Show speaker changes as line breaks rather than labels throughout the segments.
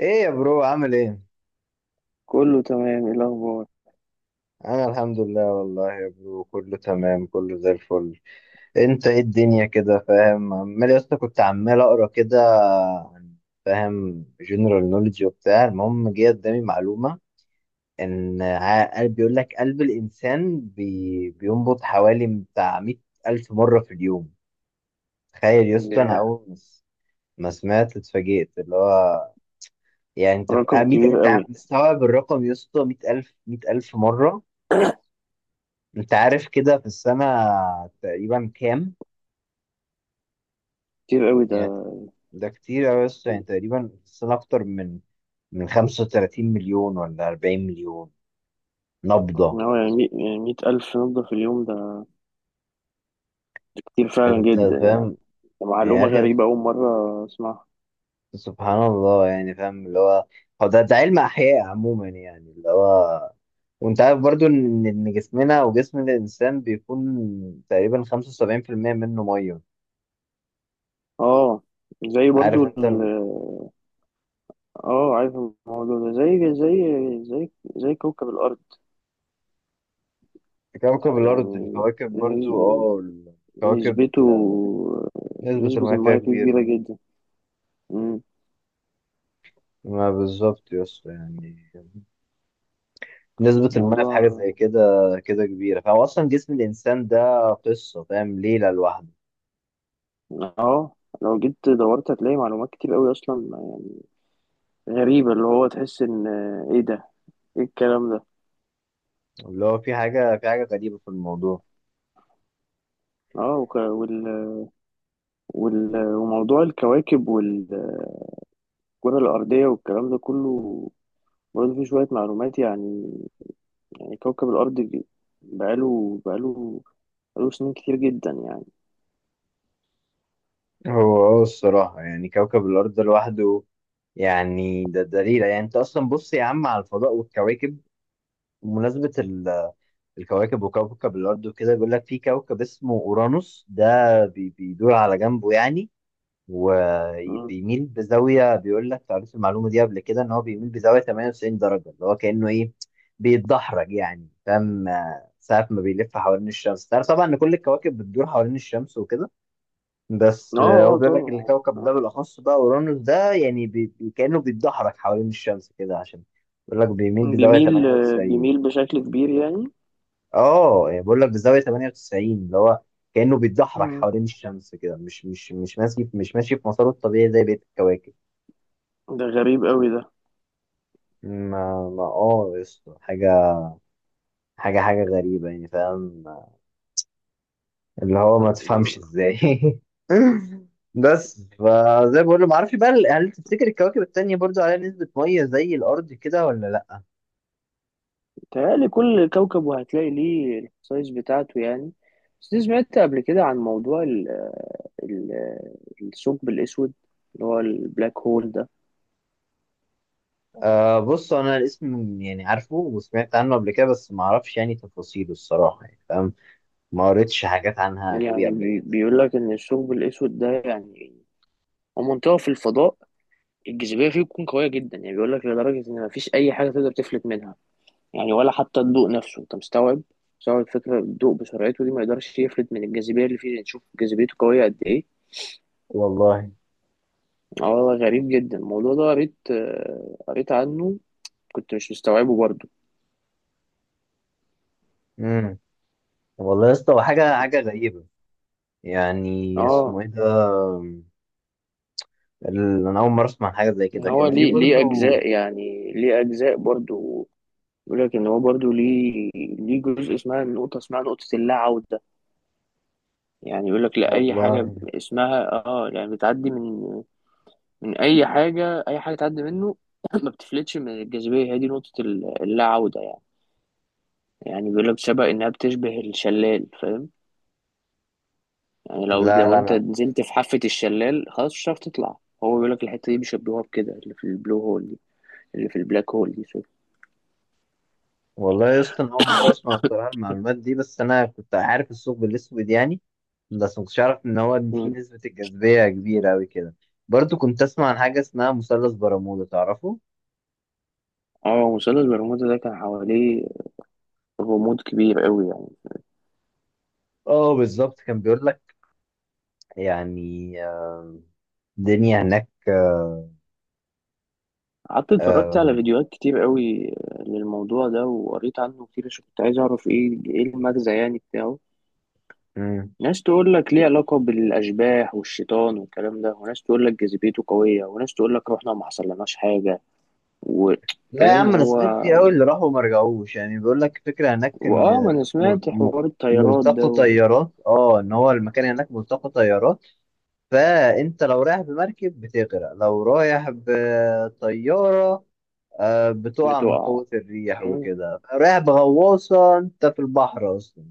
ايه يا برو، عامل ايه؟
كله تمام، ايه الاخبار؟
انا الحمد لله والله يا برو، كله تمام، كله زي الفل. انت ايه الدنيا كده؟ فاهم، عمال يا اسطى كنت عمال اقرا كده عن، فاهم، جنرال نوليدج وبتاع. المهم جه قدامي معلومه ان قلب، بيقول لك قلب الانسان بينبض حوالي بتاع 100 الف مره في اليوم. تخيل يا اسطى، انا
ده
اول ما سمعت اتفاجئت، اللي هو يعني انت في
رقم
100،
كبير
انت
قوي.
مستوعب الرقم يا اسطى؟ 100 الف، 100 الف مره. انت عارف كده في السنة تقريبا كام؟
كتير قوي ده.
يعني ده كتير أوي، بس يعني تقريبا في السنة أكتر من 35 مليون ولا 40 مليون
إن
نبضة.
هو يعني 100,000 نبضة في اليوم، ده كتير فعلا
انت
جدا يعني.
فاهم
ده
يا
معلومة
أخي؟
غريبة أول مرة أسمعها.
سبحان الله، يعني فاهم اللي هو. هو ده علم أحياء عموما يعني اللي هو. وانت عارف برضو ان جسمنا وجسم الانسان بيكون تقريبا 75% منه ميه.
اه، زي
عارف
برضو ال
انت
اه عارف الموضوع ده زي كوكب الأرض.
كوكب الارض،
يعني
الكواكب برضو،
نس-
الكواكب
نسبته،
نسبة
نسبة
المياه فيها
المية فيه كبيرة
كبيرة.
جدا. مم.
ما بالظبط يا اسطى، يعني نسبة المية في حاجة زي
موضوع.
كده كده كبيرة. فهو أصلا جسم الإنسان ده قصة، فاهم، ليلة لوحده.
اه، لو جيت دورت هتلاقي معلومات كتير قوي أصلا غريبة، اللي هو تحس إن إيه ده؟ إيه الكلام ده؟
اللي هو في حاجة غريبة في الموضوع.
آه، وموضوع الكواكب والكرة الأرضية والكلام ده كله، برضه فيه شوية معلومات يعني. يعني كوكب الأرض بقاله بقاله بقاله سنين كتير جدا يعني.
هو الصراحة، يعني كوكب الأرض ده لوحده، يعني ده ليلة. يعني أنت أصلا بص يا عم على الفضاء والكواكب، بمناسبة الكواكب وكوكب الأرض وكده. بيقول لك في كوكب اسمه أورانوس ده بيدور على جنبه يعني،
مم.
وبيميل بزاويه. بيقول لك قريت المعلومه دي قبل كده، ان هو بيميل بزاويه 98 درجه، اللي هو كانه ايه، بيتدحرج يعني، فاهم، ساعه ما بيلف حوالين الشمس. تعرف طبعا ان كل الكواكب بتدور حوالين الشمس وكده. بس
آه
هو
آه
بيقول لك
طبعا.
الكوكب ده
آه.
بالاخص بقى، اورانوس ده، يعني كانه بيتدحرج حوالين الشمس كده، عشان بيقول لك بيميل بزاويه
بيميل،
98.
بيميل بشكل كبير يعني.
اه يعني بقول لك بزاويه 98، اللي هو كانه بيتدحرج
مم.
حوالين الشمس كده، مش ماشي، مش ماشي في مساره الطبيعي زي بقيه الكواكب.
ده غريب قوي ده.
ما يا اسطى، حاجة غريبة يعني، فاهم، اللي هو ما تفهمش
ده
ازاي. بس فزي ما بقول له، ما اعرفش بقى، هل تفتكر الكواكب التانية برضو عليها نسبة مية زي الأرض كده ولا لأ؟
متهيألي كل كوكب وهتلاقي ليه السايز بتاعته يعني. بس دي سمعت قبل كده عن موضوع ال- الثقب الأسود، اللي هو البلاك هول ده.
آه، بص أنا الاسم يعني عارفه وسمعت عنه قبل كده، بس ما اعرفش يعني تفاصيله الصراحة، يعني فاهم، ما قريتش حاجات عنها قوي
يعني
قبل كده.
بيقول لك إن الثقب الأسود ده يعني هو منطقة في الفضاء، الجاذبية فيه بتكون قوية جدا، يعني بيقول لك لدرجة إن مفيش أي حاجة تقدر تفلت منها، يعني ولا حتى الضوء نفسه، أنت مستوعب، مستوعب فكرة الضوء بسرعته دي ما يقدرش يفلت من الجاذبية اللي فيه، نشوف جاذبيته قوية قد إيه.
والله.
اه والله غريب جدا الموضوع ده، قريت عنه، كنت مش مستوعبه برضه.
امم والله يا اسطى، هو حاجة حاجة غريبة. يعني اسمه
اه،
ايه ده؟ انا اول مره اسمع عن حاجه زي
ان
كده،
هو
كان في
ليه
برضو.
اجزاء، يعني ليه اجزاء برضو. يقول لك ان هو برضو ليه جزء اسمها نقطه اللا عوده. يعني يقول لك لا، اي حاجه
والله.
ب- اسمها اه يعني بتعدي من اي حاجه، اي حاجه تعدي منه ما بتفلتش من الجاذبيه، هي دي نقطه اللا عوده يعني. يعني بيقول لك شبه انها بتشبه الشلال، فاهم؟ يعني
لا،
لو
لا،
انت
انا.
نزلت في حافه الشلال خلاص مش هتعرف تطلع. هو بيقول لك الحته دي بيشبهوها بكده، اللي في البلو هول دي، اللي في البلاك هول دي، سوري.
والله يا اسطى، انا اول مره اسمع الصراحه المعلومات دي، بس انا كنت عارف الثقب الاسود يعني، بس ما كنتش اعرف ان هو ان في
مم.
نسبه الجاذبيه كبيره قوي كده. برضو كنت اسمع عن حاجه اسمها مثلث برمودا، تعرفه؟
اه، مثلث برمودا ده كان حواليه غموض كبير قوي يعني.
اه بالظبط، كان بيقول لك يعني الدنيا هناك.
قعدت اتفرجت على فيديوهات كتير قوي للموضوع ده، وقريت عنه كتير عشان كنت عايز اعرف ايه المغزى يعني بتاعه.
آه،
ناس تقول لك ليه علاقة بالأشباح والشيطان والكلام ده، وناس تقول لك جاذبيته قوية، وناس تقول لك روحنا ما حصلناش حاجة و...
لا يا
فاهم
عم، انا
هو.
سمعت كتير قوي اللي راحوا وما رجعوش، يعني بيقول لك فكره هناك ان،
واه، ما انا
مر-
سمعت
م-
حوار الطيارات
ملتقى
ده و...
طيارات، ان هو المكان هناك ملتقى طيارات. فانت لو رايح بمركب بتغرق، لو رايح بطياره بتقع من
بتقع.
قوه الريح
مم.
وكده، رايح بغواصه انت في البحر اصلا،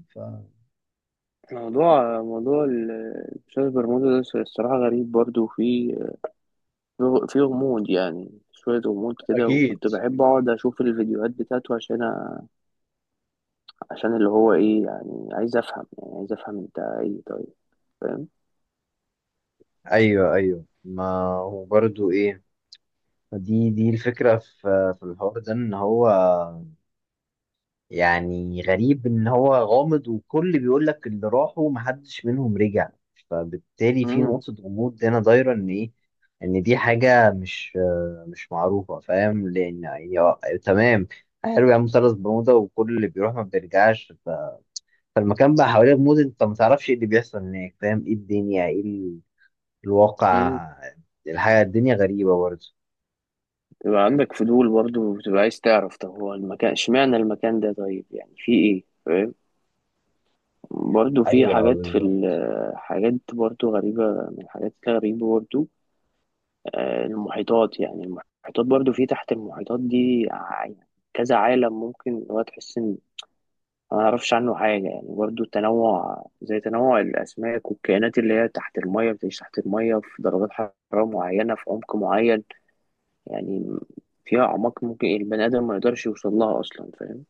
موضوع الأستاذ برمودا ده الصراحة غريب برضه، وفيه في غموض، يعني شوية غموض كده،
فاكيد.
وكنت بحب أقعد أشوف الفيديوهات بتاعته عشان اللي هو إيه، يعني عايز أفهم، يعني عايز أفهم أنت إيه طيب، فاهم؟
ايوه، ايوه، ما هو برضو ايه، دي الفكره في الحوار ده، ان هو يعني غريب، ان هو غامض، وكل بيقول لك اللي راحوا محدش منهم رجع. فبالتالي في
مم.
نقطة غموض هنا دايرة، ان ايه؟ ان دي حاجة مش مش معروفة، فاهم، لان يعني تمام. حلو يا مثلث برمودا، وكل اللي بيروح ما بيرجعش، فالمكان بقى حواليه غموض، انت ما تعرفش ايه اللي بيحصل هناك، فاهم؟ ايه الدنيا؟ ايه
مم.
الواقع؟ الحياة الدنيا غريبة برضه.
بتبقى عندك فضول برضه، وبتبقى عايز تعرف طب هو المكان، اشمعنى المكان ده طيب، يعني في إيه، فاهم؟ برضه في
ايوه
حاجات، في
بالظبط.
حاجات برضه غريبة. من الحاجات الغريبة برضه، المحيطات، يعني المحيطات برضه، في تحت المحيطات دي يعني كذا عالم ممكن، اللي هو تحس إن ما اعرفش عنه حاجة يعني. برضو التنوع، زي تنوع الأسماك والكائنات اللي هي تحت المية، بتعيش تحت المية في درجات حرارة معينة في عمق معين، يعني فيها أعماق ممكن البني آدم ما يقدرش يوصل لها أصلا، فاهم.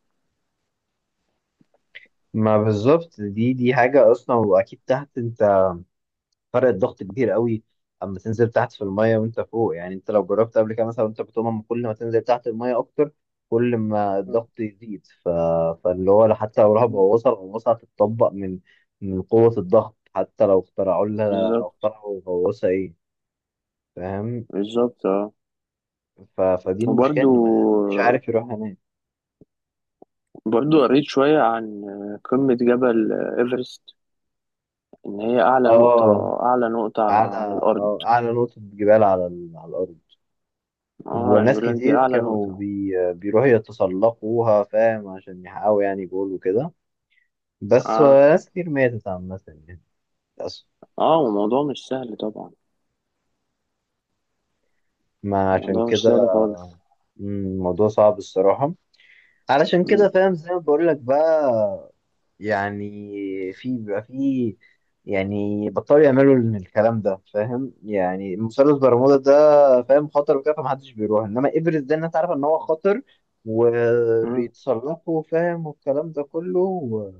ما بالظبط، دي حاجة اصلا، واكيد تحت انت فرق الضغط كبير قوي. اما تنزل تحت في الميه وانت فوق، يعني انت لو جربت قبل كده مثلا وانت بتقوم، أما كل ما تنزل تحت الميه اكتر، كل ما الضغط يزيد، فاللي هو حتى لو راح
مم.
غواصه، الغواصه هتتطبق من من قوه الضغط، حتى لو
بالظبط.
اخترعوا غواصه ايه، فاهم،
بالظبط اه.
فدي المشكله
وبرضو،
ان ما حدش عارف يروح هناك.
برضو قريت شوية عن قمة جبل إيفرست، إن هي أعلى
اه،
نقطة،
اعلى
على الأرض.
اعلى نقطه جبال على الارض.
اه، يعني
وناس
بيقول لك دي
كتير
أعلى
كانوا
نقطة.
بيروحوا يتسلقوها، فاهم، عشان يحققوا يعني جول وكده، بس
اه.
ناس كتير ماتت عامة يعني، للأسف.
اه، وموضوع مش سهل طبعا،
ما عشان
الموضوع مش
كده،
سهل خالص.
الموضوع صعب الصراحة. علشان كده، فاهم، زي ما بقول لك بقى، يعني في بيبقى في، يعني بطلوا يعملوا الكلام ده، فاهم، يعني مثلث برمودا ده، فاهم، خطر وكده، فمحدش بيروح. انما ايفرست ده الناس عارفة ان هو خطر
مم.
وبيتصرفوا، فاهم، والكلام ده كله،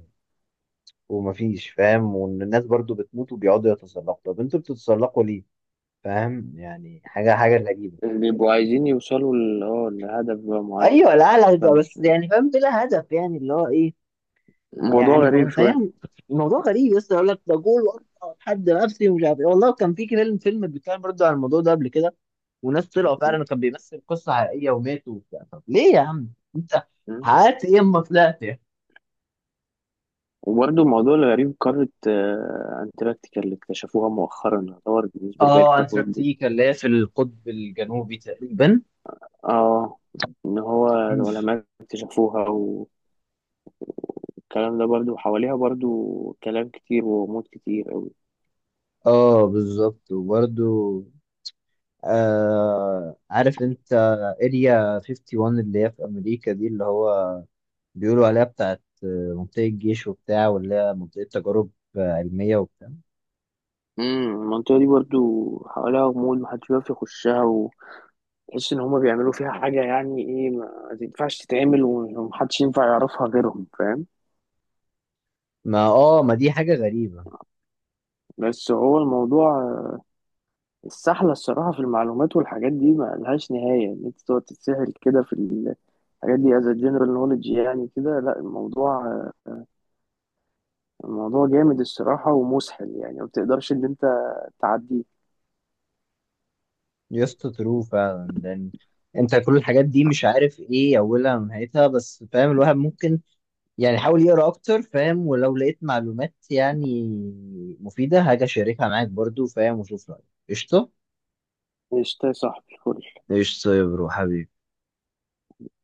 ومفيش، فاهم، وان الناس برضو بتموت وبيقعدوا يتسلقوا. طب انتوا بتتسلقوا ليه؟ فاهم، يعني حاجه حاجه غريبه.
بيبقوا عايزين يوصلوا لهدف بقى معين،
ايوه،
أو
لا، لا، ده
متفهمش.
بس يعني، فاهم، بلا هدف يعني، اللي هو ايه؟
الموضوع
يعني طب
غريب
انت
شوية.
يعني الموضوع غريب لسه، يقول لك ده جول وأقطع حد نفسي ومش عارف ايه. والله كان في فيلم، فيلم بيتكلم برضه عن الموضوع ده قبل كده، وناس طلعوا
مم.
فعلا، كان بيمثل قصه حقيقيه، وماتوا وبتاع. طب ليه يا عم، انت
مم.
حققت ايه اما طلعت يعني؟
وبرضه الموضوع الغريب قارة، أنتاركتيكا، اللي اكتشفوها مؤخرا، يعتبر بالنسبة لباقي
اه،
القارات دي.
انتاركتيكا اللي هي في القطب الجنوبي تقريبا.
اه، إن هو العلماء اكتشفوها، والكلام ده برضه حواليها برضه كلام كتير وغموض كتير أوي.
اه بالظبط، وبرده آه، عارف انت اريا 51 اللي هي في امريكا دي، اللي هو بيقولوا عليها بتاعت منطقة جيش وبتاع، واللي هي منطقة تجارب علمية وبتاع.
مم، المنطقة دي برضه حواليها غموض، محدش بيعرف يخشها، تحس ان هما بيعملوا فيها حاجه يعني ايه ما تنفعش تتعمل، ومحدش ينفع يعرفها غيرهم، فاهم.
ما دي حاجة غريبة.
بس هو الموضوع السحله الصراحه، في المعلومات والحاجات دي ما لهاش نهايه، ان انت تقعد تتسحل كده في الحاجات دي as a general knowledge. يعني كده لا، الموضوع جامد الصراحه ومسحل، يعني ما بتقدرش ان انت تعديه.
يسطا ترو فعلا، لان انت كل الحاجات دي مش عارف ايه اولها ونهايتها، بس فاهم الواحد ممكن يعني حاول يقرا اكتر، فاهم، ولو لقيت معلومات يعني مفيدة هاجي اشاركها معاك برضو، فاهم، وشوف رأيك. قشطة.
قشطة يا صاحبي فل.
قشطة يا برو حبيبي.